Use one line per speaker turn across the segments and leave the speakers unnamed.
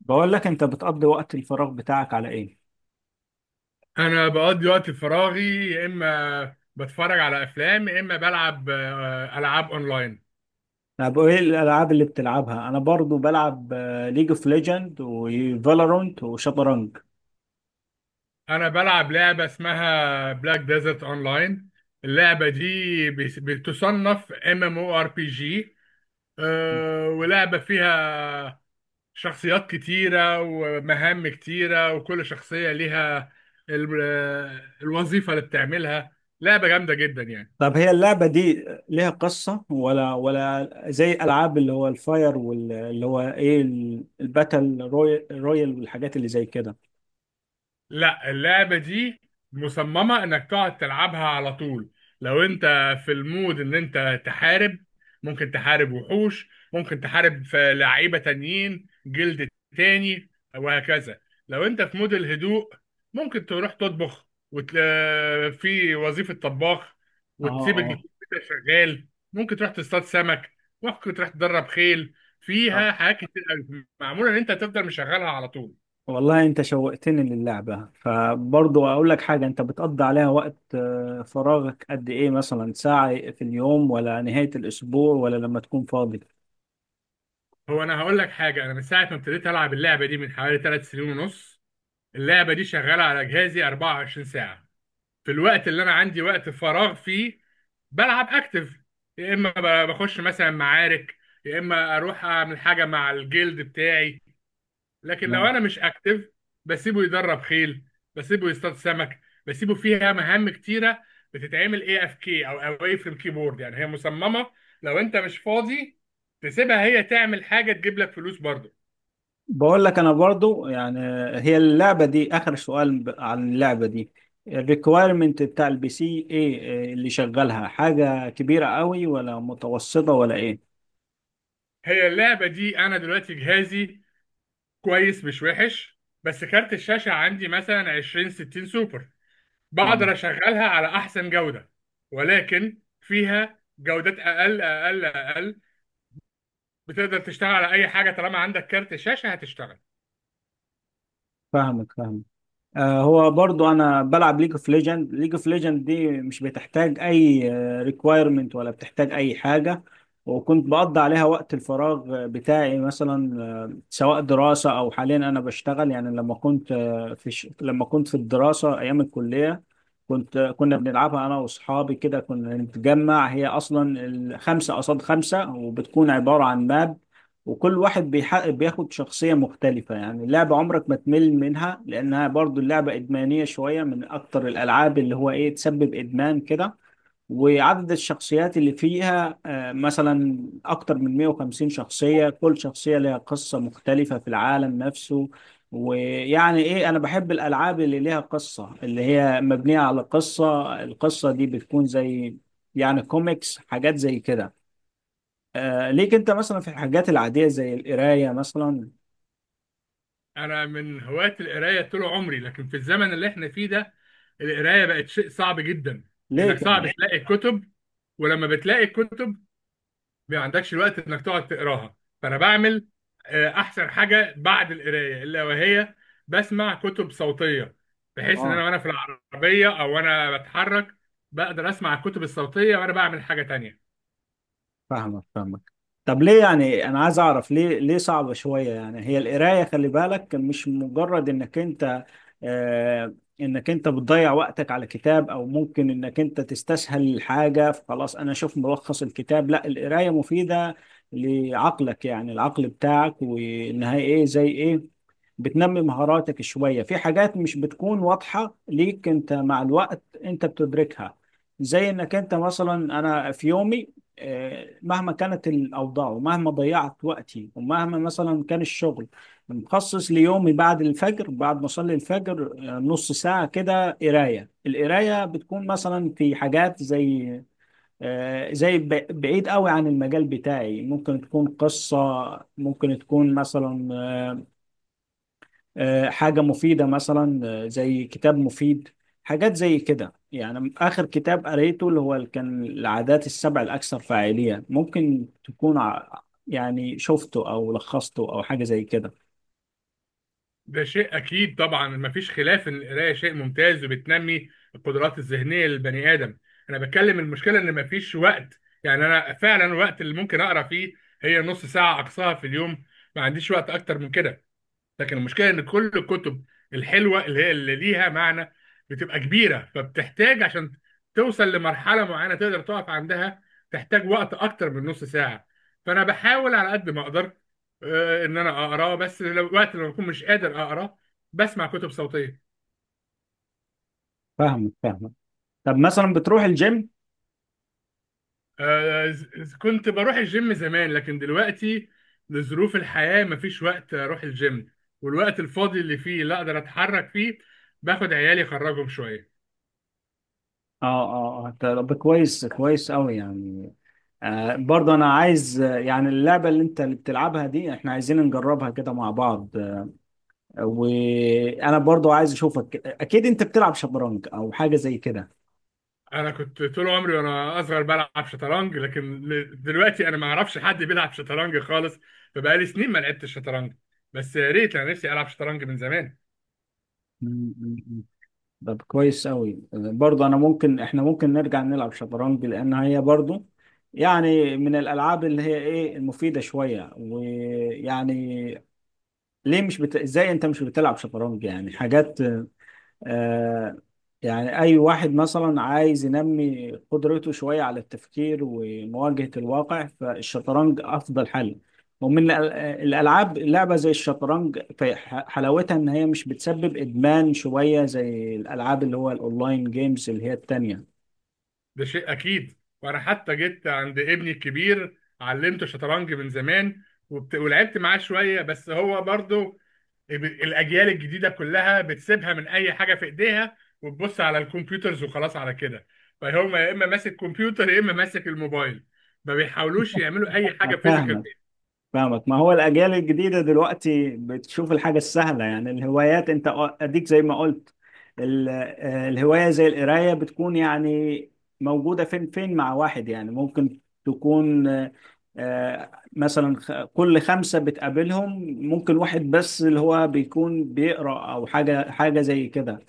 بقول لك انت بتقضي وقت الفراغ بتاعك على ايه؟
انا بقضي وقت فراغي يا اما بتفرج على افلام، يا اما بلعب العاب اونلاين.
طب ايه الالعاب اللي بتلعبها؟ انا برضو بلعب ليج اوف ليجند وفالورانت وشطرنج.
انا بلعب لعبه اسمها بلاك ديزرت اونلاين. اللعبه دي بتصنف ام ام او ار بي جي، ولعبه فيها شخصيات كتيره ومهام كتيره، وكل شخصيه ليها الوظيفه اللي بتعملها. لعبه جامده جدا يعني.
طب هي اللعبة دي ليها قصة، ولا زي العاب اللي هو الفاير، واللي هو ايه الباتل رويال والحاجات اللي زي كده؟
لا، اللعبة دي مصممة انك تقعد تلعبها على طول. لو انت في المود ان انت تحارب، ممكن تحارب وحوش، ممكن تحارب في لعيبة تانيين جلد تاني، وهكذا. لو انت في مود الهدوء، ممكن تروح تطبخ في وظيفة طباخ، وتسيب
اه،
الكمبيوتر شغال. ممكن تروح تصطاد سمك، ممكن تروح تدرب خيل.
اه.
فيها حاجات كتير أوي. معمولة ان انت تفضل مشغلها على طول.
والله انت شوقتني للعبة، فبرضه اقول لك حاجة، انت بتقضي عليها وقت فراغك قد ايه؟ مثلا ساعة في اليوم، ولا نهاية الاسبوع، ولا لما تكون فاضي؟
هو انا هقول لك حاجه، انا من ساعه ما ابتديت العب اللعبه دي من حوالي 3 سنين ونص، اللعبه دي شغاله على جهازي 24 ساعه. في الوقت اللي انا عندي وقت فراغ فيه بلعب اكتف، يا اما بخش مثلا معارك، يا اما اروح اعمل حاجه مع الجلد بتاعي. لكن لو
نعم.
انا مش اكتف، بسيبه يدرب خيل، بسيبه يصطاد سمك، بسيبه فيها مهام كتيره بتتعمل اي اف كي او اواي فروم كيبورد. يعني هي مصممه لو انت مش فاضي تسيبها هي تعمل حاجه تجيب لك فلوس برضه.
بقول لك انا برضو يعني، هي اللعبة دي اخر سؤال عن اللعبة دي، الريكويرمنت بتاع البي سي ايه، اللي شغالها حاجة كبيرة قوي، ولا متوسطة، ولا ايه؟
هي اللعبة دي أنا دلوقتي جهازي كويس مش وحش، بس كارت الشاشة عندي مثلا 20 60 سوبر، بقدر
آه.
أشغلها على أحسن جودة. ولكن فيها جودات أقل أقل أقل، بتقدر تشتغل على أي حاجة، طالما عندك كارت شاشة هتشتغل.
فاهمك، فاهمك. هو برضو انا بلعب ليج اوف ليجند. ليج اوف ليجند دي مش بتحتاج اي ريكويرمنت، ولا بتحتاج اي حاجه. وكنت بقضي عليها وقت الفراغ بتاعي مثلا، سواء دراسه، او حاليا انا بشتغل. يعني لما كنت في الدراسه ايام الكليه، كنت آه، كنا بنلعبها انا واصحابي كده، كنا نتجمع. هي اصلا خمسه قصاد خمسه، وبتكون عباره عن ماب، وكل واحد بيحقق، بياخد شخصية مختلفة. يعني اللعبة عمرك ما تمل منها، لأنها برضو اللعبة إدمانية شوية، من أكتر الألعاب اللي هو إيه، تسبب إدمان كده. وعدد الشخصيات اللي فيها مثلا أكتر من 150 شخصية، كل شخصية لها قصة مختلفة في العالم نفسه. ويعني إيه، أنا بحب الألعاب اللي ليها قصة، اللي هي مبنية على قصة. القصة دي بتكون زي يعني كوميكس، حاجات زي كده. ليك انت مثلا في الحاجات العادية زي القراية مثلا؟
أنا من هواة القراية طول عمري، لكن في الزمن اللي إحنا فيه ده القراية بقت شيء صعب جدا. إنك
ليه كده؟
صعب تلاقي كتب، ولما بتلاقي كتب ما عندكش الوقت انك تقعد تقراها. فانا بعمل احسن حاجه بعد القرايه الا وهي بسمع كتب صوتيه، بحيث ان
اه،
انا وانا في العربيه، او وانا بتحرك، بقدر اسمع الكتب الصوتيه وانا بعمل حاجه تانية.
فاهمك فاهمك. طب ليه؟ يعني انا عايز اعرف ليه صعبة شوية؟ يعني هي القراية، خلي بالك مش مجرد آه انك انت بتضيع وقتك على كتاب، او ممكن انك انت تستسهل الحاجة فخلاص انا اشوف ملخص الكتاب. لا، القراية مفيدة لعقلك، يعني العقل بتاعك، وانها ايه، زي ايه، بتنمي مهاراتك شوية في حاجات مش بتكون واضحة ليك انت، مع الوقت انت بتدركها. زي انك انت مثلا، انا في يومي، مهما كانت الأوضاع، ومهما ضيعت وقتي، ومهما مثلا كان الشغل، مخصص ليومي بعد الفجر، بعد ما أصلي الفجر، نص ساعة كده قراية. القراية بتكون مثلا في حاجات زي بعيد قوي عن المجال بتاعي، ممكن تكون قصة، ممكن تكون مثلا حاجة مفيدة، مثلا زي كتاب مفيد، حاجات زي كده. يعني آخر كتاب قريته اللي هو كان العادات السبع الأكثر فاعلية، ممكن تكون يعني شفته أو لخصته أو حاجة زي كده.
ده شيء اكيد طبعا، مفيش خلاف ان القرايه شيء ممتاز وبتنمي القدرات الذهنيه للبني ادم. انا بتكلم المشكله ان مفيش وقت. يعني انا فعلا الوقت اللي ممكن اقرا فيه هي نص ساعه اقصاها في اليوم، ما عنديش وقت اكتر من كده. لكن المشكله ان كل الكتب الحلوه اللي هي اللي ليها معنى بتبقى كبيره، فبتحتاج عشان توصل لمرحله معينه تقدر تقف عندها، تحتاج وقت اكتر من نص ساعه. فانا بحاول على قد ما اقدر ان انا اقرا، بس لو وقت لما بكون مش قادر اقرا بسمع كتب صوتيه.
فاهمك فاهمك. طب مثلا بتروح الجيم؟
كنت بروح الجيم زمان، لكن دلوقتي لظروف الحياه مفيش وقت اروح الجيم. والوقت الفاضي اللي فيه لا اقدر اتحرك فيه، باخد عيالي اخرجهم شويه.
اه. اه، اه، طب كويس كويس قوي يعني. برضه انا عايز، يعني اللعبه اللي بتلعبها دي احنا عايزين نجربها كده مع بعض. وانا برضه عايز اشوفك، اكيد انت بتلعب شطرنج او حاجه زي كده.
انا كنت طول عمري وانا اصغر بلعب شطرنج، لكن دلوقتي انا ما اعرفش حد بيلعب شطرنج خالص. فبقالي سنين ما لعبتش شطرنج، بس يا ريت انا نفسي العب شطرنج من زمان.
مم، مم، مم. طب كويس أوي برضه. أنا ممكن إحنا ممكن نرجع نلعب شطرنج، لأن هي برضه يعني من الألعاب اللي هي إيه، المفيدة شوية. ويعني ليه مش بت... إزاي أنت مش بتلعب شطرنج؟ يعني حاجات، آه يعني أي واحد مثلا عايز ينمي قدرته شوية على التفكير ومواجهة الواقع، فالشطرنج أفضل حل. ومن الأل- الألعاب لعبة زي الشطرنج، في حلاوتها إن هي مش بتسبب إدمان شوية زي الألعاب اللي هو الأونلاين جيمز اللي هي التانية.
ده شيء اكيد، وانا حتى جيت عند ابني الكبير علمته شطرنج من زمان، ولعبت معاه شويه، بس هو برضو الاجيال الجديده كلها بتسيبها من اي حاجه في ايديها وتبص على الكمبيوترز، وخلاص على كده. فهم يا اما ماسك كمبيوتر، يا اما ماسك الموبايل، ما بيحاولوش يعملوا اي حاجه فيزيكال.
فاهمك فاهمك. ما هو الأجيال الجديدة دلوقتي بتشوف الحاجة السهلة، يعني الهوايات أنت أديك زي ما قلت، الهواية زي القراية بتكون يعني موجودة فين فين مع واحد، يعني ممكن تكون آه، مثلا كل خمسة بتقابلهم، ممكن واحد بس اللي هو بيكون بيقرأ، أو حاجة حاجة زي كده.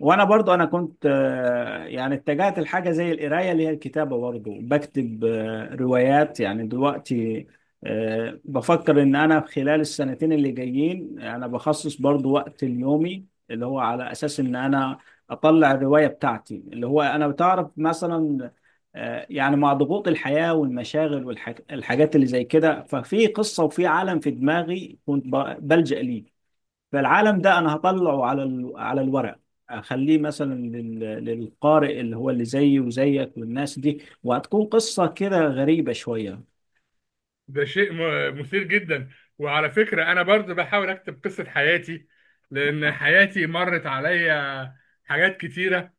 وانا برضو انا كنت يعني اتجهت لحاجه زي القرايه، اللي هي الكتابه، برضو بكتب روايات يعني دلوقتي. بفكر ان انا في خلال السنتين اللي جايين انا بخصص برضو وقت اليومي، اللي هو على اساس ان انا اطلع الرواية بتاعتي، اللي هو انا بتعرف مثلا. يعني مع ضغوط الحياة والمشاغل والحاجات اللي زي كده، ففي قصة وفي عالم في دماغي كنت بلجأ ليه، فالعالم ده انا هطلعه على على الورق، اخليه مثلا للقارئ اللي هو اللي زيي وزيك والناس دي، وهتكون قصة كده غريبة شوية.
ده شيء مثير جدا. وعلى فكرة أنا برضو بحاول أكتب قصة حياتي، لأن حياتي مرت عليا حاجات كتيرة.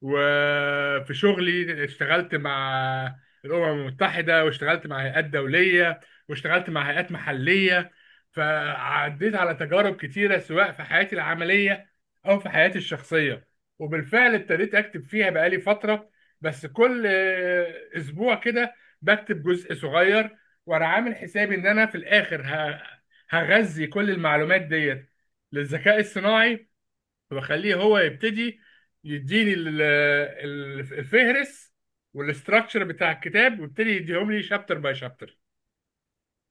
وفي شغلي اشتغلت مع الأمم المتحدة، واشتغلت مع هيئات دولية، واشتغلت مع هيئات محلية، فعديت على تجارب كتيرة سواء في حياتي العملية أو في حياتي الشخصية. وبالفعل ابتديت أكتب فيها بقالي فترة، بس كل أسبوع كده بكتب جزء صغير. وانا عامل حسابي ان انا في الاخر هغذي كل المعلومات ديت للذكاء الصناعي، واخليه هو يبتدي يديني الفهرس والاستراكشر بتاع الكتاب، ويبتدي يديهم لي شابتر باي شابتر.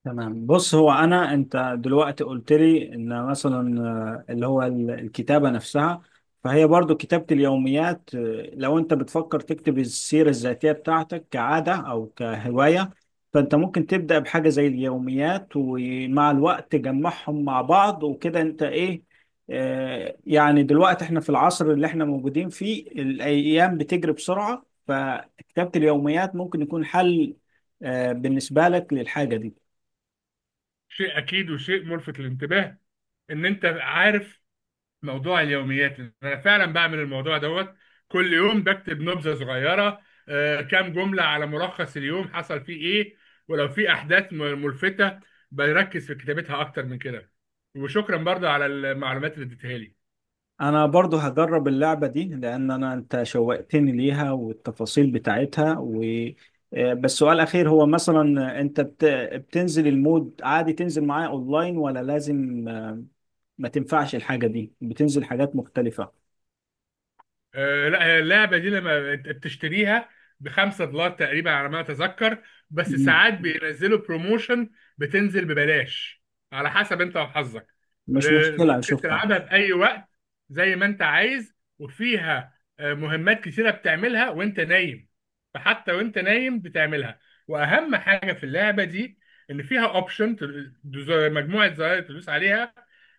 تمام، بص، هو انا انت دلوقتي قلت لي ان مثلا اللي هو الكتابه نفسها، فهي برضو كتابه اليوميات. لو انت بتفكر تكتب السيره الذاتيه بتاعتك كعاده او كهوايه، فانت ممكن تبدا بحاجه زي اليوميات، ومع الوقت تجمعهم مع بعض وكده انت ايه. يعني دلوقتي احنا في العصر اللي احنا موجودين فيه، الايام بتجري بسرعه، فكتابه اليوميات ممكن يكون حل بالنسبه لك للحاجه دي.
شيء اكيد وشيء ملفت للانتباه ان انت عارف موضوع اليوميات، انا فعلا بعمل الموضوع دوت، كل يوم بكتب نبذه صغيره، كام جمله على ملخص اليوم حصل فيه ايه. ولو في احداث ملفته بركز في كتابتها اكتر من كده. وشكرا برضه على المعلومات اللي اديتها لي.
انا برضو هجرب اللعبة دي، لان انت شوقتني ليها والتفاصيل بتاعتها، و آه، بس سؤال اخير، هو مثلا بتنزل المود عادي، تنزل معايا اونلاين، ولا لازم ما تنفعش الحاجة دي، بتنزل حاجات مختلفة؟
لا، هي اللعبه دي لما انت بتشتريها بـ 5 دولار تقريبا على ما اتذكر، بس
مم.
ساعات بينزلوا بروموشن بتنزل ببلاش، على حسب انت وحظك.
مش مشكلة
ممكن
اشوفها.
تلعبها في اي وقت زي ما انت عايز، وفيها مهمات كتيره بتعملها وانت نايم، فحتى وانت نايم بتعملها. واهم حاجه في اللعبه دي ان فيها اوبشن، مجموعه زراير تدوس عليها،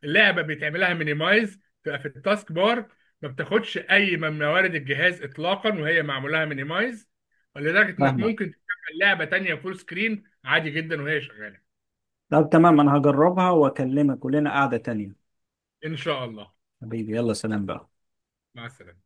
اللعبه بتعملها مينيمايز، تبقى في التاسك بار، ما بتاخدش اي من موارد الجهاز اطلاقا وهي معمولها مينيمايز، ولدرجه انك
فاهمك.
ممكن تشغل لعبه تانية فول سكرين عادي جدا وهي شغاله.
طب تمام، انا هجربها واكلمك، ولنا قعدة تانية.
ان شاء الله.
حبيبي، يلا، سلام بقى.
مع السلامه.